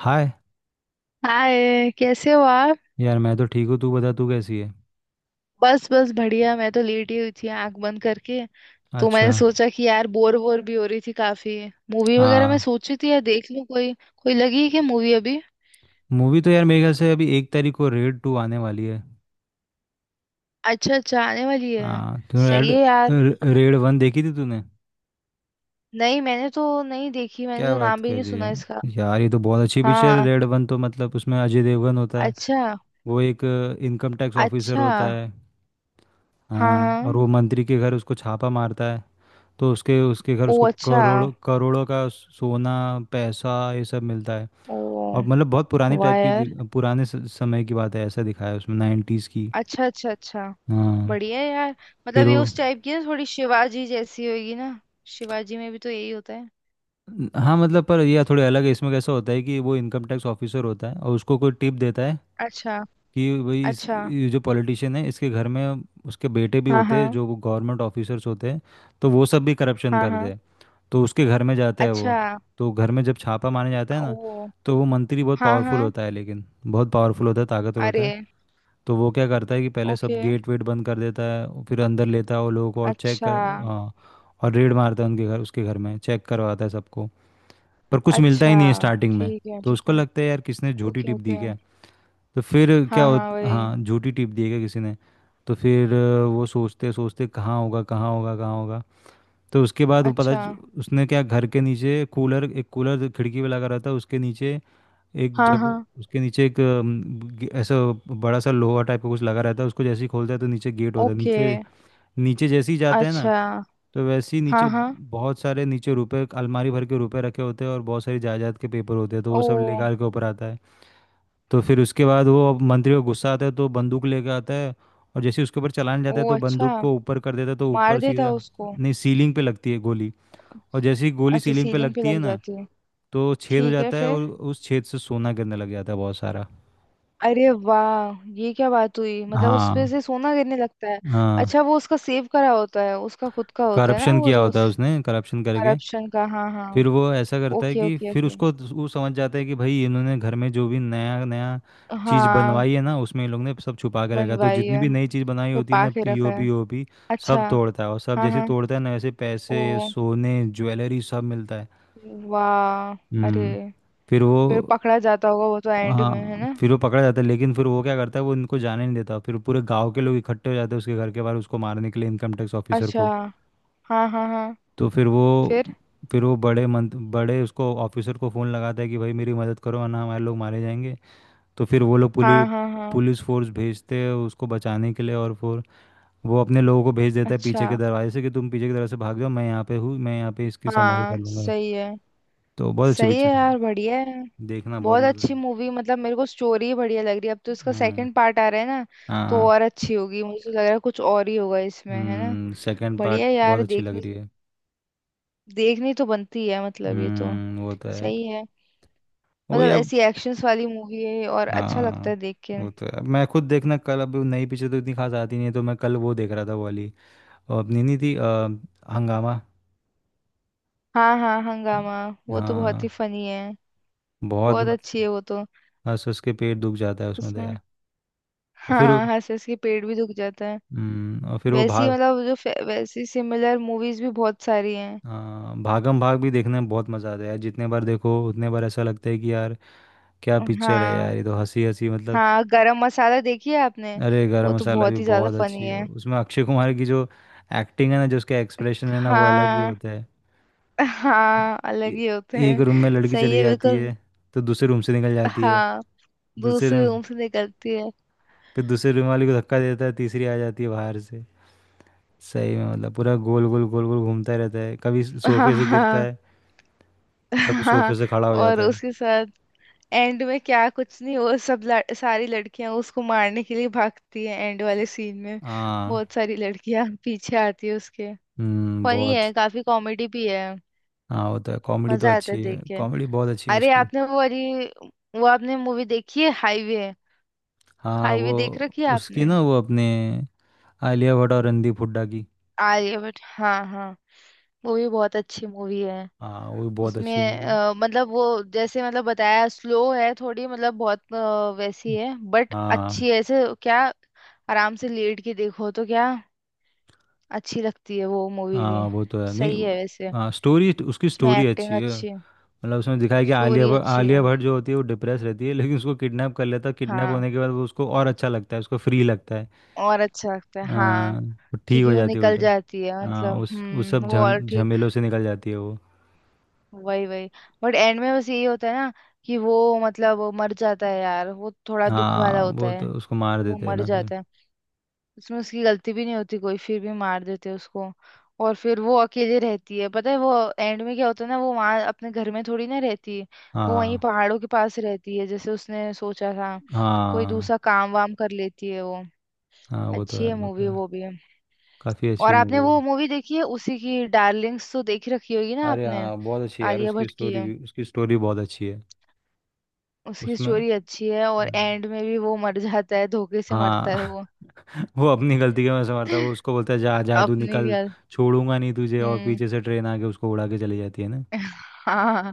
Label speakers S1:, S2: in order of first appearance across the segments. S1: हाय।
S2: Hi, कैसे हो आप।
S1: यार, मैं तो ठीक हूँ। तू बता, तू कैसी है?
S2: बस बस बढ़िया, मैं तो लेटी हुई थी आंख बंद करके। तो
S1: अच्छा।
S2: मैंने सोचा कि यार, बोर बोर भी हो रही थी काफी। मूवी वगैरह मैं
S1: हाँ।
S2: सोची थी यार, देख लूं कोई। कोई लगी है क्या मूवी अभी?
S1: मूवी तो यार मेरे ख्याल से अभी 1 तारीख को रेड टू आने वाली है।
S2: अच्छा अच्छा, आने वाली है।
S1: हाँ, तूने रेड
S2: सही है यार।
S1: रेड वन देखी थी तूने?
S2: नहीं, मैंने तो नहीं देखी, मैंने
S1: क्या
S2: तो
S1: बात
S2: नाम भी
S1: कर
S2: नहीं
S1: रही
S2: सुना
S1: है।
S2: इसका।
S1: यार, ये तो बहुत अच्छी पिक्चर है।
S2: हाँ।
S1: रेड वन तो मतलब उसमें अजय देवगन होता है।
S2: अच्छा।
S1: वो एक इनकम टैक्स ऑफिसर
S2: अच्छा।
S1: होता है।
S2: हाँ
S1: हाँ, और
S2: हाँ।
S1: वो मंत्री के घर उसको छापा मारता है। तो उसके उसके घर
S2: ओ
S1: उसको
S2: अच्छा।
S1: करोड़ों करोड़ों का सोना, पैसा, ये सब मिलता है।
S2: ओ।
S1: और मतलब बहुत पुराने
S2: वाह
S1: टाइप की
S2: यार।
S1: पुराने समय की बात है, ऐसा दिखाया है उसमें, नाइन्टीज़ की।
S2: अच्छा अच्छा अच्छा।
S1: हाँ।
S2: बढ़िया है यार।
S1: फिर
S2: मतलब ये
S1: वो।
S2: उस टाइप की ना, थोड़ी शिवाजी जैसी होगी ना। शिवाजी में भी तो यही होता है।
S1: हाँ मतलब, पर यह थोड़े अलग है। इसमें कैसा होता है कि वो इनकम टैक्स ऑफिसर होता है और उसको कोई टिप देता है।
S2: अच्छा।
S1: कि भाई, इस
S2: अच्छा।
S1: ये जो पॉलिटिशियन है, इसके घर में उसके बेटे भी
S2: हाँ
S1: होते हैं
S2: हाँ।
S1: जो गवर्नमेंट ऑफिसर्स होते हैं। तो वो सब भी करप्शन
S2: हाँ
S1: करते
S2: हाँ।
S1: हैं। तो उसके घर में जाता है वो।
S2: अच्छा।
S1: तो घर में जब छापा मारने जाता है ना,
S2: ओ।
S1: तो वो मंत्री बहुत
S2: हाँ
S1: पावरफुल
S2: हाँ।
S1: होता है, लेकिन बहुत पावरफुल होता है, ताकतवर होता
S2: अरे।
S1: है। तो वो क्या करता है कि पहले सब
S2: ओके।
S1: गेट वेट बंद कर देता है, और फिर अंदर लेता है वो लोगों को और चेक
S2: अच्छा।
S1: कर। हाँ। और रेड मारता है उनके घर, उसके घर में चेक करवाता है सबको। पर कुछ मिलता ही
S2: अच्छा,
S1: नहीं है स्टार्टिंग में।
S2: ठीक है
S1: तो
S2: ठीक
S1: उसको
S2: है।
S1: लगता है यार किसने झूठी
S2: ओके
S1: टिप दी
S2: ओके।
S1: क्या। तो फिर क्या
S2: हाँ
S1: हो।
S2: हाँ वही।
S1: हाँ, झूठी टिप दी है क्या किसी ने। तो फिर वो सोचते सोचते कहाँ होगा, कहाँ होगा, कहाँ होगा। तो उसके बाद वो पता
S2: अच्छा।
S1: च- उसने क्या, घर के नीचे कूलर, एक कूलर खिड़की पे लगा रहता है उसके नीचे। एक
S2: हाँ हाँ।
S1: जगह उसके नीचे एक ऐसा बड़ा सा लोहा टाइप का कुछ लगा रहता है। उसको जैसे ही खोलता है तो नीचे गेट होता है
S2: ओके।
S1: नीचे। नीचे जैसे ही जाते हैं ना,
S2: अच्छा।
S1: तो वैसे ही नीचे
S2: हाँ हाँ।
S1: बहुत सारे नीचे रुपए, अलमारी भर के रुपए रखे होते हैं, और बहुत सारी जायदाद के पेपर होते हैं। तो वो
S2: ओ,
S1: सब लेकर के ऊपर आता है। तो फिर उसके बाद वो, अब मंत्री को गुस्सा आता है तो बंदूक लेके आता है। और जैसे ही उसके ऊपर चलाने
S2: ओ
S1: जाता है तो
S2: अच्छा।
S1: बंदूक को ऊपर कर देता है, तो
S2: मार
S1: ऊपर
S2: देता
S1: सीधा।
S2: उसको।
S1: नहीं, सीलिंग पे लगती है गोली। और जैसे ही गोली
S2: अच्छा,
S1: सीलिंग पे
S2: सीलिंग पे
S1: लगती है
S2: लग
S1: ना,
S2: जाती है।
S1: तो छेद हो
S2: ठीक है
S1: जाता है,
S2: फिर।
S1: और उस छेद से सोना गिरने लग जाता है बहुत सारा।
S2: अरे वाह, ये क्या बात हुई, मतलब उसपे
S1: हाँ।
S2: से सोना गिरने लगता है।
S1: हाँ।
S2: अच्छा, वो उसका सेव करा होता है, उसका खुद का होता है ना
S1: करप्शन
S2: वो
S1: किया
S2: तो
S1: होता
S2: उस।
S1: है उसने, करप्शन करके।
S2: करप्शन का। हाँ हाँ।
S1: फिर वो ऐसा करता है
S2: ओके
S1: कि
S2: ओके
S1: फिर
S2: ओके।
S1: उसको वो समझ जाता है कि भाई, इन्होंने घर में जो भी नया नया चीज़
S2: हाँ,
S1: बनवाई है ना, उसमें इन लोगों ने सब छुपा के रखा है। तो
S2: बनवाई
S1: जितनी
S2: है,
S1: भी नई चीज़ बनाई होती है
S2: छुपा
S1: ना,
S2: के रखा है।
S1: पीओपी ओपी
S2: अच्छा।
S1: सब तोड़ता है, और सब
S2: हाँ
S1: जैसे
S2: हाँ।
S1: तोड़ता है ना, वैसे पैसे,
S2: ओ
S1: सोने, ज्वेलरी, सब मिलता है।
S2: वाह। अरे,
S1: हम्म। फिर वो।
S2: फिर पकड़ा जाता होगा वो तो एंड में है
S1: हाँ,
S2: ना।
S1: फिर वो पकड़ा जाता है, लेकिन फिर वो क्या करता है, वो इनको जाने नहीं देता। फिर पूरे गांव के लोग इकट्ठे हो जाते हैं उसके घर के बाहर, उसको मारने के लिए, इनकम टैक्स ऑफिसर
S2: अच्छा।
S1: को।
S2: हाँ हाँ हाँ।
S1: तो फिर वो,
S2: फिर।
S1: फिर वो बड़े उसको ऑफिसर को फ़ोन लगाता है कि भाई मेरी मदद करो, वरना हमारे लोग मारे जाएंगे। तो फिर वो लोग
S2: हाँ
S1: पुलिस
S2: हाँ हाँ।
S1: पुलिस फोर्स भेजते हैं उसको बचाने के लिए। और फिर वो अपने लोगों को भेज देता है
S2: अच्छा।
S1: पीछे के दरवाजे से, कि तुम पीछे के दरवाजे से भाग जाओ, मैं यहाँ पे हूँ, मैं यहाँ पे इसकी संभाल कर
S2: हाँ
S1: लूँगा।
S2: सही है।
S1: तो बहुत अच्छी
S2: सही है
S1: पिक्चर है।
S2: यार, बढ़िया है।
S1: देखना, बहुत
S2: बहुत
S1: मज़ा
S2: अच्छी
S1: आए।
S2: मूवी, मतलब मेरे को स्टोरी बढ़िया लग रही है। अब तो इसका
S1: हम्म।
S2: सेकंड पार्ट आ रहा है ना।
S1: हाँ,
S2: तो
S1: हाँ।
S2: और अच्छी होगी, मुझे लग रहा है कुछ और ही होगा इसमें है ना।
S1: सेकंड पार्ट
S2: बढ़िया
S1: बहुत
S2: यार
S1: अच्छी लग
S2: देखने।
S1: रही है।
S2: देखनी तो बनती है मतलब ये तो।
S1: वो तो है।
S2: सही है।
S1: वही
S2: मतलब
S1: अब।
S2: ऐसी एक्शंस वाली मूवी है और अच्छा लगता
S1: हाँ,
S2: है देख के।
S1: वो तो है। मैं खुद देखना, कल अब नई पिक्चर तो इतनी खास आती नहीं है, तो मैं कल वो देख रहा था, वो वाली, और अपनी नहीं थी हंगामा।
S2: हाँ हाँ हंगामा। वो तो बहुत ही
S1: हाँ।
S2: फनी है।
S1: बहुत
S2: बहुत
S1: मस्त।
S2: अच्छी है वो तो।
S1: बस उसके पेट दुख जाता है उसमें तो
S2: उसमें
S1: यार। और
S2: हाँ हाँ, हंस हंस के पेट भी दुख जाता है।
S1: और फिर वो
S2: वैसी
S1: भाग।
S2: मतलब वैसी सिमिलर मूवीज भी बहुत सारी हैं।
S1: हाँ, भागम भाग भी देखने में बहुत मज़ा आता है यार, जितने बार देखो उतने बार ऐसा लगता है कि यार क्या पिक्चर है यार,
S2: हाँ
S1: ये तो हंसी हंसी मतलब।
S2: हाँ, गरम मसाला देखी है आपने?
S1: अरे,
S2: वो
S1: गरम
S2: तो
S1: मसाला भी
S2: बहुत ही ज्यादा
S1: बहुत अच्छी
S2: फनी
S1: है।
S2: है।
S1: उसमें अक्षय कुमार की जो एक्टिंग है ना, जो उसका एक्सप्रेशन है ना, वो अलग ही
S2: हाँ
S1: होता है।
S2: हाँ, अलग
S1: ए-
S2: ही होते
S1: एक
S2: हैं।
S1: रूम में लड़की
S2: सही
S1: चली
S2: है
S1: जाती
S2: बिल्कुल।
S1: है, तो दूसरे रूम से निकल जाती है।
S2: हाँ, वो
S1: दूसरे
S2: उस
S1: रूम,
S2: रूम से निकलती है।
S1: फिर दूसरे रूम वाली को धक्का देता है, तीसरी आ जाती है बाहर से। सही में मतलब पूरा गोल गोल गोल गोल घूमता रहता है, कभी
S2: हाँ
S1: सोफे से गिरता
S2: हाँ
S1: है, कभी सोफे
S2: हाँ।
S1: से खड़ा हो
S2: और
S1: जाता है।
S2: उसके साथ। एंड में क्या कुछ नहीं, वो सब सारी लड़कियां उसको मारने के लिए भागती है एंड वाले सीन में।
S1: हाँ।
S2: बहुत सारी लड़कियां पीछे आती है उसके।
S1: हम्म,
S2: फनी
S1: बहुत।
S2: है, काफी कॉमेडी भी है।
S1: हाँ वो तो है, कॉमेडी तो
S2: मजा आता है
S1: अच्छी है,
S2: देख के।
S1: कॉमेडी बहुत अच्छी है
S2: अरे,
S1: उसकी।
S2: आपने वो वाली। वो, आपने मूवी देखी है हाईवे?
S1: हाँ। वो
S2: हाईवे देख रखी है
S1: उसकी
S2: आपने?
S1: ना, वो अपने आलिया भट्ट और रणदीप हुड्डा की।
S2: आर्यभट्ट। हाँ हाँ। वो भी बहुत अच्छी मूवी है।
S1: हाँ, वो भी बहुत अच्छी
S2: उसमें
S1: मूवी है।
S2: मतलब वो जैसे मतलब बताया, स्लो है थोड़ी, मतलब बहुत वैसी है बट
S1: हाँ,
S2: अच्छी है ऐसे क्या। आराम से लेट के देखो तो क्या। अच्छी लगती है वो मूवी भी।
S1: हाँ, वो तो है। नहीं,
S2: सही है वैसे।
S1: हाँ, स्टोरी, उसकी
S2: उसमें
S1: स्टोरी
S2: एक्टिंग
S1: अच्छी है।
S2: अच्छी है।
S1: मतलब उसमें दिखाया कि आलिया
S2: स्टोरी
S1: भट्ट
S2: अच्छी
S1: आलिया
S2: है।
S1: भट्ट जो होती है वो डिप्रेस रहती है, लेकिन उसको किडनैप कर लेता है। किडनैप
S2: हाँ।
S1: होने के बाद वो उसको और अच्छा लगता है, उसको फ्री लगता है।
S2: और अच्छा लगता है हाँ।
S1: हाँ, वो ठीक हो
S2: क्योंकि वो
S1: जाती है
S2: निकल
S1: उल्टा।
S2: जाती है
S1: हाँ,
S2: मतलब
S1: उस सब
S2: वो और
S1: झम
S2: ठीक।
S1: झमेलों से निकल जाती है वो।
S2: वही वही। बट एंड में बस यही होता है ना। कि वो। मतलब वो मर जाता है यार, वो थोड़ा दुख वाला
S1: हाँ,
S2: होता
S1: वो
S2: है।
S1: तो उसको मार
S2: कि वो
S1: देते हैं
S2: मर
S1: ना फिर।
S2: जाता है। उसमें उसकी गलती भी नहीं होती कोई, फिर भी मार देते हैं उसको। और फिर वो अकेले रहती है, पता है वो। एंड में क्या होता है ना, वो वहाँ अपने घर में थोड़ी ना रहती है। वो वहीं
S1: हाँ,
S2: पहाड़ों के पास रहती है जैसे उसने सोचा था। कोई
S1: हाँ,
S2: दूसरा काम वाम कर लेती है वो।
S1: हाँ, वो तो
S2: अच्छी
S1: है,
S2: है
S1: वो तो
S2: मूवी
S1: है।
S2: वो भी।
S1: काफ़ी अच्छी
S2: और आपने
S1: मूवी है।
S2: वो मूवी देखी है उसी की, डार्लिंग्स तो देख रखी होगी ना
S1: अरे
S2: आपने?
S1: हाँ, बहुत अच्छी है यार,
S2: आलिया
S1: उसकी
S2: भट्ट की।
S1: स्टोरी भी, उसकी स्टोरी बहुत अच्छी है।
S2: उसकी
S1: उसमें
S2: स्टोरी अच्छी है, और
S1: हम्म।
S2: एंड में भी वो मर जाता है, धोखे से मरता है
S1: हाँ
S2: वो।
S1: वो अपनी गलती के में समझता है, वो उसको बोलता है जा जा तू
S2: अपने
S1: निकल,
S2: क्या।
S1: छोड़ूंगा नहीं तुझे, और
S2: हम्म।
S1: पीछे से ट्रेन आके उसको उड़ा के चली जाती है ना।
S2: हाँ,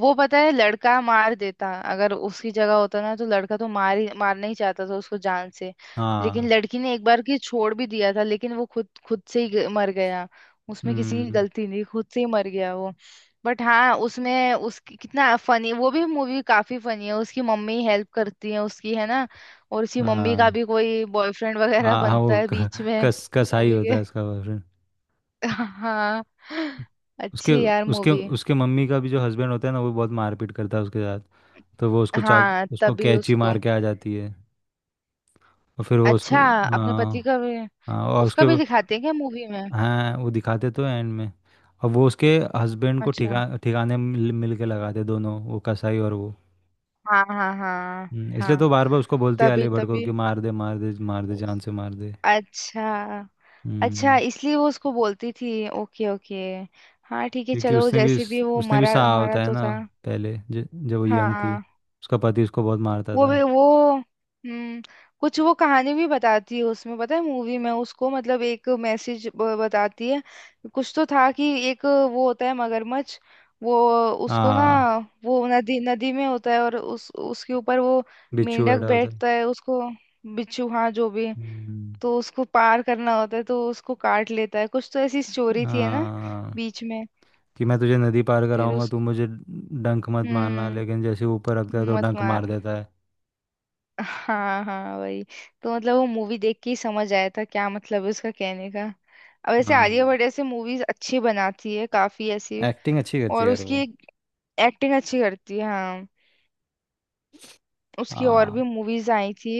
S2: वो पता है लड़का मार देता अगर उसकी जगह होता ना, तो लड़का तो मार ही मारना ही चाहता था उसको जान से। लेकिन
S1: हाँ।
S2: लड़की ने एक बार की छोड़ भी दिया था, लेकिन वो खुद खुद से ही मर गया। उसमें किसी की
S1: हम्म।
S2: गलती नहीं, खुद से ही मर गया वो। बट हाँ, उसमें उसकी कितना फनी, वो भी मूवी काफी फनी है, उसकी मम्मी हेल्प करती है उसकी है ना। और उसकी मम्मी का
S1: हाँ,
S2: भी कोई बॉयफ्रेंड वगैरह
S1: हाँ, हाँ,
S2: बनता
S1: वो
S2: है
S1: क-
S2: बीच में।
S1: कस कसाई
S2: मूवी
S1: होता
S2: के।
S1: है उसका बॉयफ्रेंड।
S2: हाँ।
S1: उसके,
S2: अच्छी यार
S1: उसके
S2: मूवी।
S1: उसके मम्मी का भी जो हस्बैंड होता है ना, वो बहुत मारपीट करता है उसके साथ। तो वो उसको चाक,
S2: हाँ,
S1: उसको
S2: तभी
S1: कैंची
S2: उसको।
S1: मार के आ जाती है। और फिर वो उसको,
S2: अच्छा, अपने
S1: हाँ,
S2: पति का भी।
S1: हाँ, और
S2: उसका
S1: उसके,
S2: भी दिखाते हैं क्या मूवी में?
S1: हाँ, वो दिखाते तो एंड में। और वो उसके हस्बैंड को
S2: अच्छा।
S1: ठिकाने मिल मिल के लगाते दोनों, वो कसाई और वो।
S2: हाँ हाँ हाँ।
S1: इसलिए
S2: हाँ,
S1: तो बार बार उसको बोलती है
S2: तभी
S1: आलिया भट्ट को
S2: तभी।
S1: कि मार दे, मार दे, मार दे, जान से मार दे।
S2: अच्छा। अच्छा,
S1: हम्म।
S2: इसलिए वो उसको बोलती थी। Okay okay. हाँ ठीक है,
S1: क्योंकि
S2: चलो
S1: उसने भी,
S2: जैसे भी वो
S1: उसने भी
S2: मरा,
S1: सहा
S2: मरा
S1: होता है
S2: तो
S1: ना,
S2: था।
S1: पहले जब वो यंग थी,
S2: हाँ
S1: उसका पति उसको बहुत मारता
S2: वो
S1: था।
S2: भी वो हम्म। कुछ वो कहानी भी बताती है उसमें, पता है मूवी में उसको मतलब एक मैसेज बताती है। कुछ तो था कि। एक वो होता है मगरमच्छ। वो। उसको ना।
S1: हाँ,
S2: वो नदी नदी में होता है और उस उसके ऊपर वो।
S1: बिच्छू
S2: मेंढक
S1: बैठा होता है।
S2: बैठता है उसको। बिच्छू, हाँ जो भी है।
S1: हम्म,
S2: तो उसको पार करना होता है, तो उसको काट लेता है, कुछ तो ऐसी स्टोरी थी है ना।
S1: हाँ,
S2: बीच में।
S1: कि मैं तुझे नदी पार
S2: फिर
S1: कराऊंगा,
S2: उस।
S1: तू मुझे डंक मत मारना,
S2: हम्म।
S1: लेकिन जैसे वो ऊपर रखता है तो
S2: मत
S1: डंक
S2: मार।
S1: मार देता है।
S2: हाँ हाँ वही। तो मतलब वो मूवी देख के ही समझ आया था क्या मतलब है उसका कहने का। अब ऐसे
S1: हाँ।
S2: आलिया भट्ट ऐसे मूवीज अच्छी बनाती है काफी ऐसी।
S1: एक्टिंग अच्छी करती
S2: और
S1: है यार वो।
S2: उसकी। एक्टिंग अच्छी करती है हाँ। उसकी और
S1: हाँ,
S2: भी मूवीज आई थी।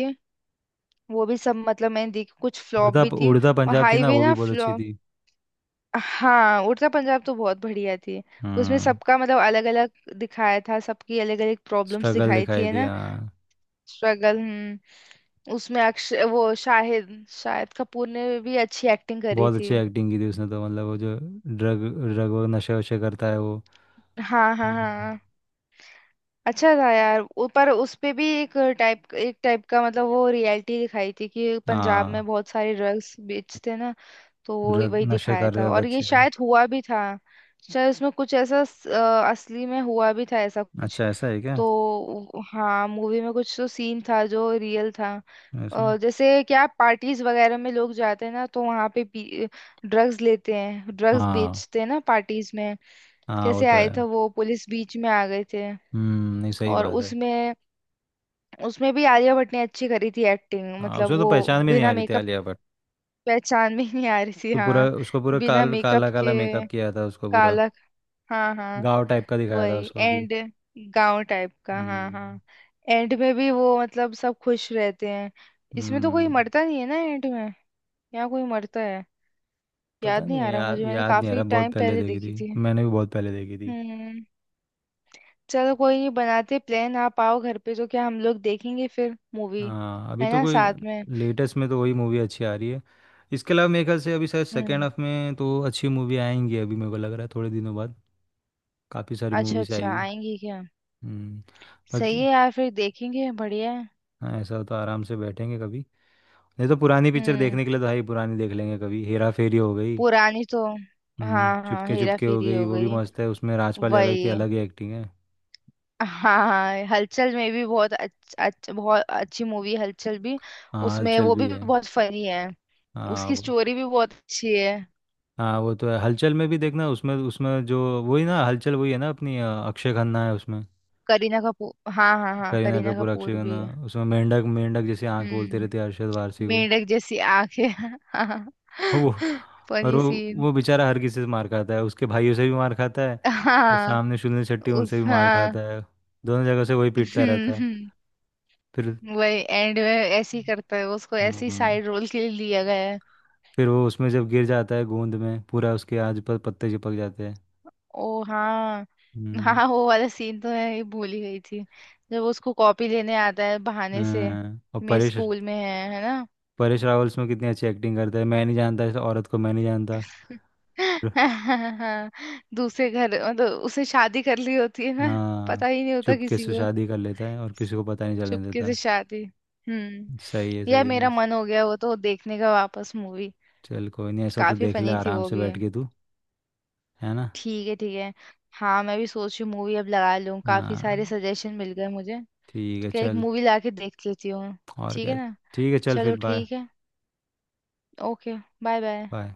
S2: वो भी सब मतलब मैंने देखी, कुछ फ्लॉप
S1: उड़ता
S2: भी थी।
S1: उड़ता
S2: और
S1: पंजाब थी ना,
S2: हाईवे
S1: वो भी
S2: ना
S1: बहुत अच्छी
S2: फ्लॉप।
S1: थी।
S2: हाँ, उड़ता पंजाब तो बहुत बढ़िया थी। उसमें
S1: हम्म।
S2: सबका मतलब अलग अलग। दिखाया था, सबकी अलग अलग प्रॉब्लम्स
S1: स्ट्रगल
S2: दिखाई थी
S1: दिखाई
S2: है
S1: दिया।
S2: ना। स्ट्रगल। हम्म। उसमें अक्षय वो शाहिद शाहिद कपूर ने भी अच्छी एक्टिंग करी
S1: बहुत
S2: थी।
S1: अच्छी एक्टिंग की थी उसने तो, मतलब वो जो ड्रग ड्रग, वो नशे वशे करता है वो।
S2: हाँ हाँ
S1: हम्म।
S2: हाँ। अच्छा था यार, पर उस पे भी एक। टाइप एक टाइप का मतलब वो रियलिटी दिखाई थी कि पंजाब में
S1: हाँ,
S2: बहुत सारे ड्रग्स बेचते ना। तो वो
S1: ड्रग,
S2: वही
S1: नशे
S2: दिखाया
S1: कर
S2: था
S1: रहे
S2: और ये
S1: बच्चे।
S2: शायद हुआ भी था। शायद उसमें कुछ ऐसा असली में हुआ भी था ऐसा कुछ।
S1: अच्छा, ऐसा है क्या।
S2: तो हाँ, मूवी में कुछ तो सीन था जो रियल था।
S1: ऐसा।
S2: जैसे क्या पार्टीज वगैरह में लोग जाते हैं ना, तो वहाँ पे। ड्रग्स लेते हैं, ड्रग्स
S1: हाँ,
S2: बेचते हैं ना पार्टीज में।
S1: हाँ, वो
S2: कैसे
S1: तो
S2: आए
S1: है।
S2: थे वो, पुलिस बीच में आ गए थे।
S1: नहीं, सही
S2: और
S1: बात है।
S2: उसमें। उसमें भी आलिया भट्ट ने अच्छी करी थी एक्टिंग,
S1: हाँ, उसको
S2: मतलब
S1: तो
S2: वो।
S1: पहचान भी नहीं आ
S2: बिना
S1: रही थी
S2: मेकअप।
S1: आलिया भट्ट।
S2: पहचान में ही नहीं आ रही थी
S1: तो पूरा
S2: हाँ।
S1: उसको पूरा
S2: बिना मेकअप
S1: काला काला
S2: के।
S1: मेकअप किया था उसको पूरा,
S2: काला। हाँ हाँ
S1: गाँव टाइप का दिखाया था
S2: वही
S1: उसको कि।
S2: एंड। गांव टाइप का। हाँ
S1: हम्म।
S2: हाँ। एंड में भी वो मतलब सब खुश रहते हैं। इसमें तो कोई
S1: हम्म।
S2: मरता नहीं है ना एंड में। यहाँ कोई मरता है?
S1: पता
S2: याद नहीं
S1: नहीं
S2: आ रहा
S1: याद
S2: मुझे, मैंने
S1: याद नहीं आ
S2: काफी
S1: रहा, बहुत
S2: टाइम
S1: पहले
S2: पहले
S1: देखी
S2: देखी
S1: थी,
S2: थी।
S1: मैंने भी बहुत पहले देखी थी।
S2: हम्म। चलो कोई नहीं, बनाते प्लान, आप आओ घर पे तो क्या हम लोग देखेंगे फिर मूवी।
S1: हाँ, अभी
S2: है
S1: तो
S2: ना
S1: कोई,
S2: साथ में।
S1: लेटेस्ट में तो वही मूवी अच्छी आ रही है। इसके अलावा मेरे ख्याल से अभी शायद सेकेंड
S2: हम्म।
S1: हाफ में तो अच्छी मूवी आएंगी, अभी मेरे को लग रहा है, थोड़े दिनों बाद काफ़ी सारी
S2: अच्छा
S1: मूवीज
S2: अच्छा,
S1: आएगी।
S2: आएंगे क्या?
S1: हम्म।
S2: सही
S1: बाकी।
S2: है यार, फिर देखेंगे, बढ़िया है।
S1: हाँ, ऐसा तो आराम से बैठेंगे कभी, नहीं तो पुरानी पिक्चर
S2: हम्म,
S1: देखने के लिए तो भाई पुरानी देख लेंगे, कभी हेरा फेरी हो गई,
S2: पुरानी तो। हाँ हाँ,
S1: चुपके
S2: हेरा
S1: चुपके हो
S2: फेरी
S1: गई,
S2: हो
S1: वो भी
S2: गई।
S1: मस्त है, उसमें राजपाल यादव की
S2: वही।
S1: अलग ही एक्टिंग है।
S2: हाँ, हलचल में भी बहुत अच्छ, अच्छ, बहुत अच्छी मूवी है हलचल भी।
S1: हाँ,
S2: उसमें
S1: हलचल
S2: वो भी
S1: भी है।
S2: बहुत फनी है।
S1: हाँ
S2: उसकी
S1: वो,
S2: स्टोरी भी बहुत अच्छी है।
S1: हाँ वो तो है, हलचल में भी देखना, उसमें उसमें जो वही ना, हलचल वही है ना, अपनी अक्षय खन्ना है उसमें,
S2: करीना कपूर, हाँ हाँ हाँ,
S1: करीना
S2: करीना
S1: कपूर, अक्षय
S2: कपूर भी
S1: खन्ना।
S2: है।
S1: उसमें मेंढक मेंढक जैसी आंख बोलते
S2: हम्म।
S1: रहते हैं अरशद वारसी को।
S2: मेंढक जैसी आंखें। हाँ।
S1: और वो, और
S2: फनी
S1: वो
S2: सीन।
S1: वो बेचारा हर किसी से मार खाता है, उसके भाइयों से भी मार खाता है, वो
S2: हाँ
S1: सामने सुनील शेट्टी उनसे
S2: उस
S1: भी मार
S2: हाँ।
S1: खाता है, दोनों जगह से वही पीटता रहता है।
S2: हम्म।
S1: फिर,
S2: वही एंड में ऐसे ही करता है, उसको ऐसी
S1: हम्म,
S2: साइड रोल के लिए लिया गया।
S1: फिर वो उसमें जब गिर जाता है गोंद में, पूरा उसके आज पर पत्ते चिपक जाते हैं।
S2: ओ हाँ।
S1: हम्म।
S2: हाँ, वो वाला सीन तो है, ये भूल ही गई थी। जब वो उसको कॉपी लेने आता है बहाने से।
S1: हाँ, और
S2: मेरे
S1: परेश,
S2: स्कूल में है ना?
S1: परेश रावल उसमें कितनी अच्छी एक्टिंग करता है, मैं नहीं जानता इस औरत को, मैं नहीं जानता।
S2: हाँ। दूसरे घर मतलब उसने शादी कर ली होती है ना।
S1: हाँ,
S2: पता ही नहीं होता
S1: चुपके
S2: किसी
S1: से
S2: को।
S1: शादी कर लेता है और किसी को पता नहीं चलने
S2: चुपके
S1: देता।
S2: से शादी। हम्म।
S1: सही है,
S2: यार
S1: सही है,
S2: मेरा मन हो गया वो तो देखने का वापस मूवी।
S1: चल कोई नहीं, ऐसा तो
S2: काफी
S1: देख ले
S2: फनी थी
S1: आराम
S2: वो
S1: से
S2: भी है।
S1: बैठ के तू, है ना।
S2: ठीक है ठीक है। हाँ, मैं भी सोच रही हूँ मूवी अब लगा लूँ, काफी सारे
S1: हाँ,
S2: सजेशन मिल गए मुझे।
S1: ठीक
S2: तो
S1: है
S2: क्या, एक
S1: चल।
S2: मूवी ला के देख लेती हूँ।
S1: और
S2: ठीक
S1: क्या।
S2: है ना।
S1: ठीक है, चल फिर,
S2: चलो
S1: बाय।
S2: ठीक है। ओके। Bye bye.
S1: बाय।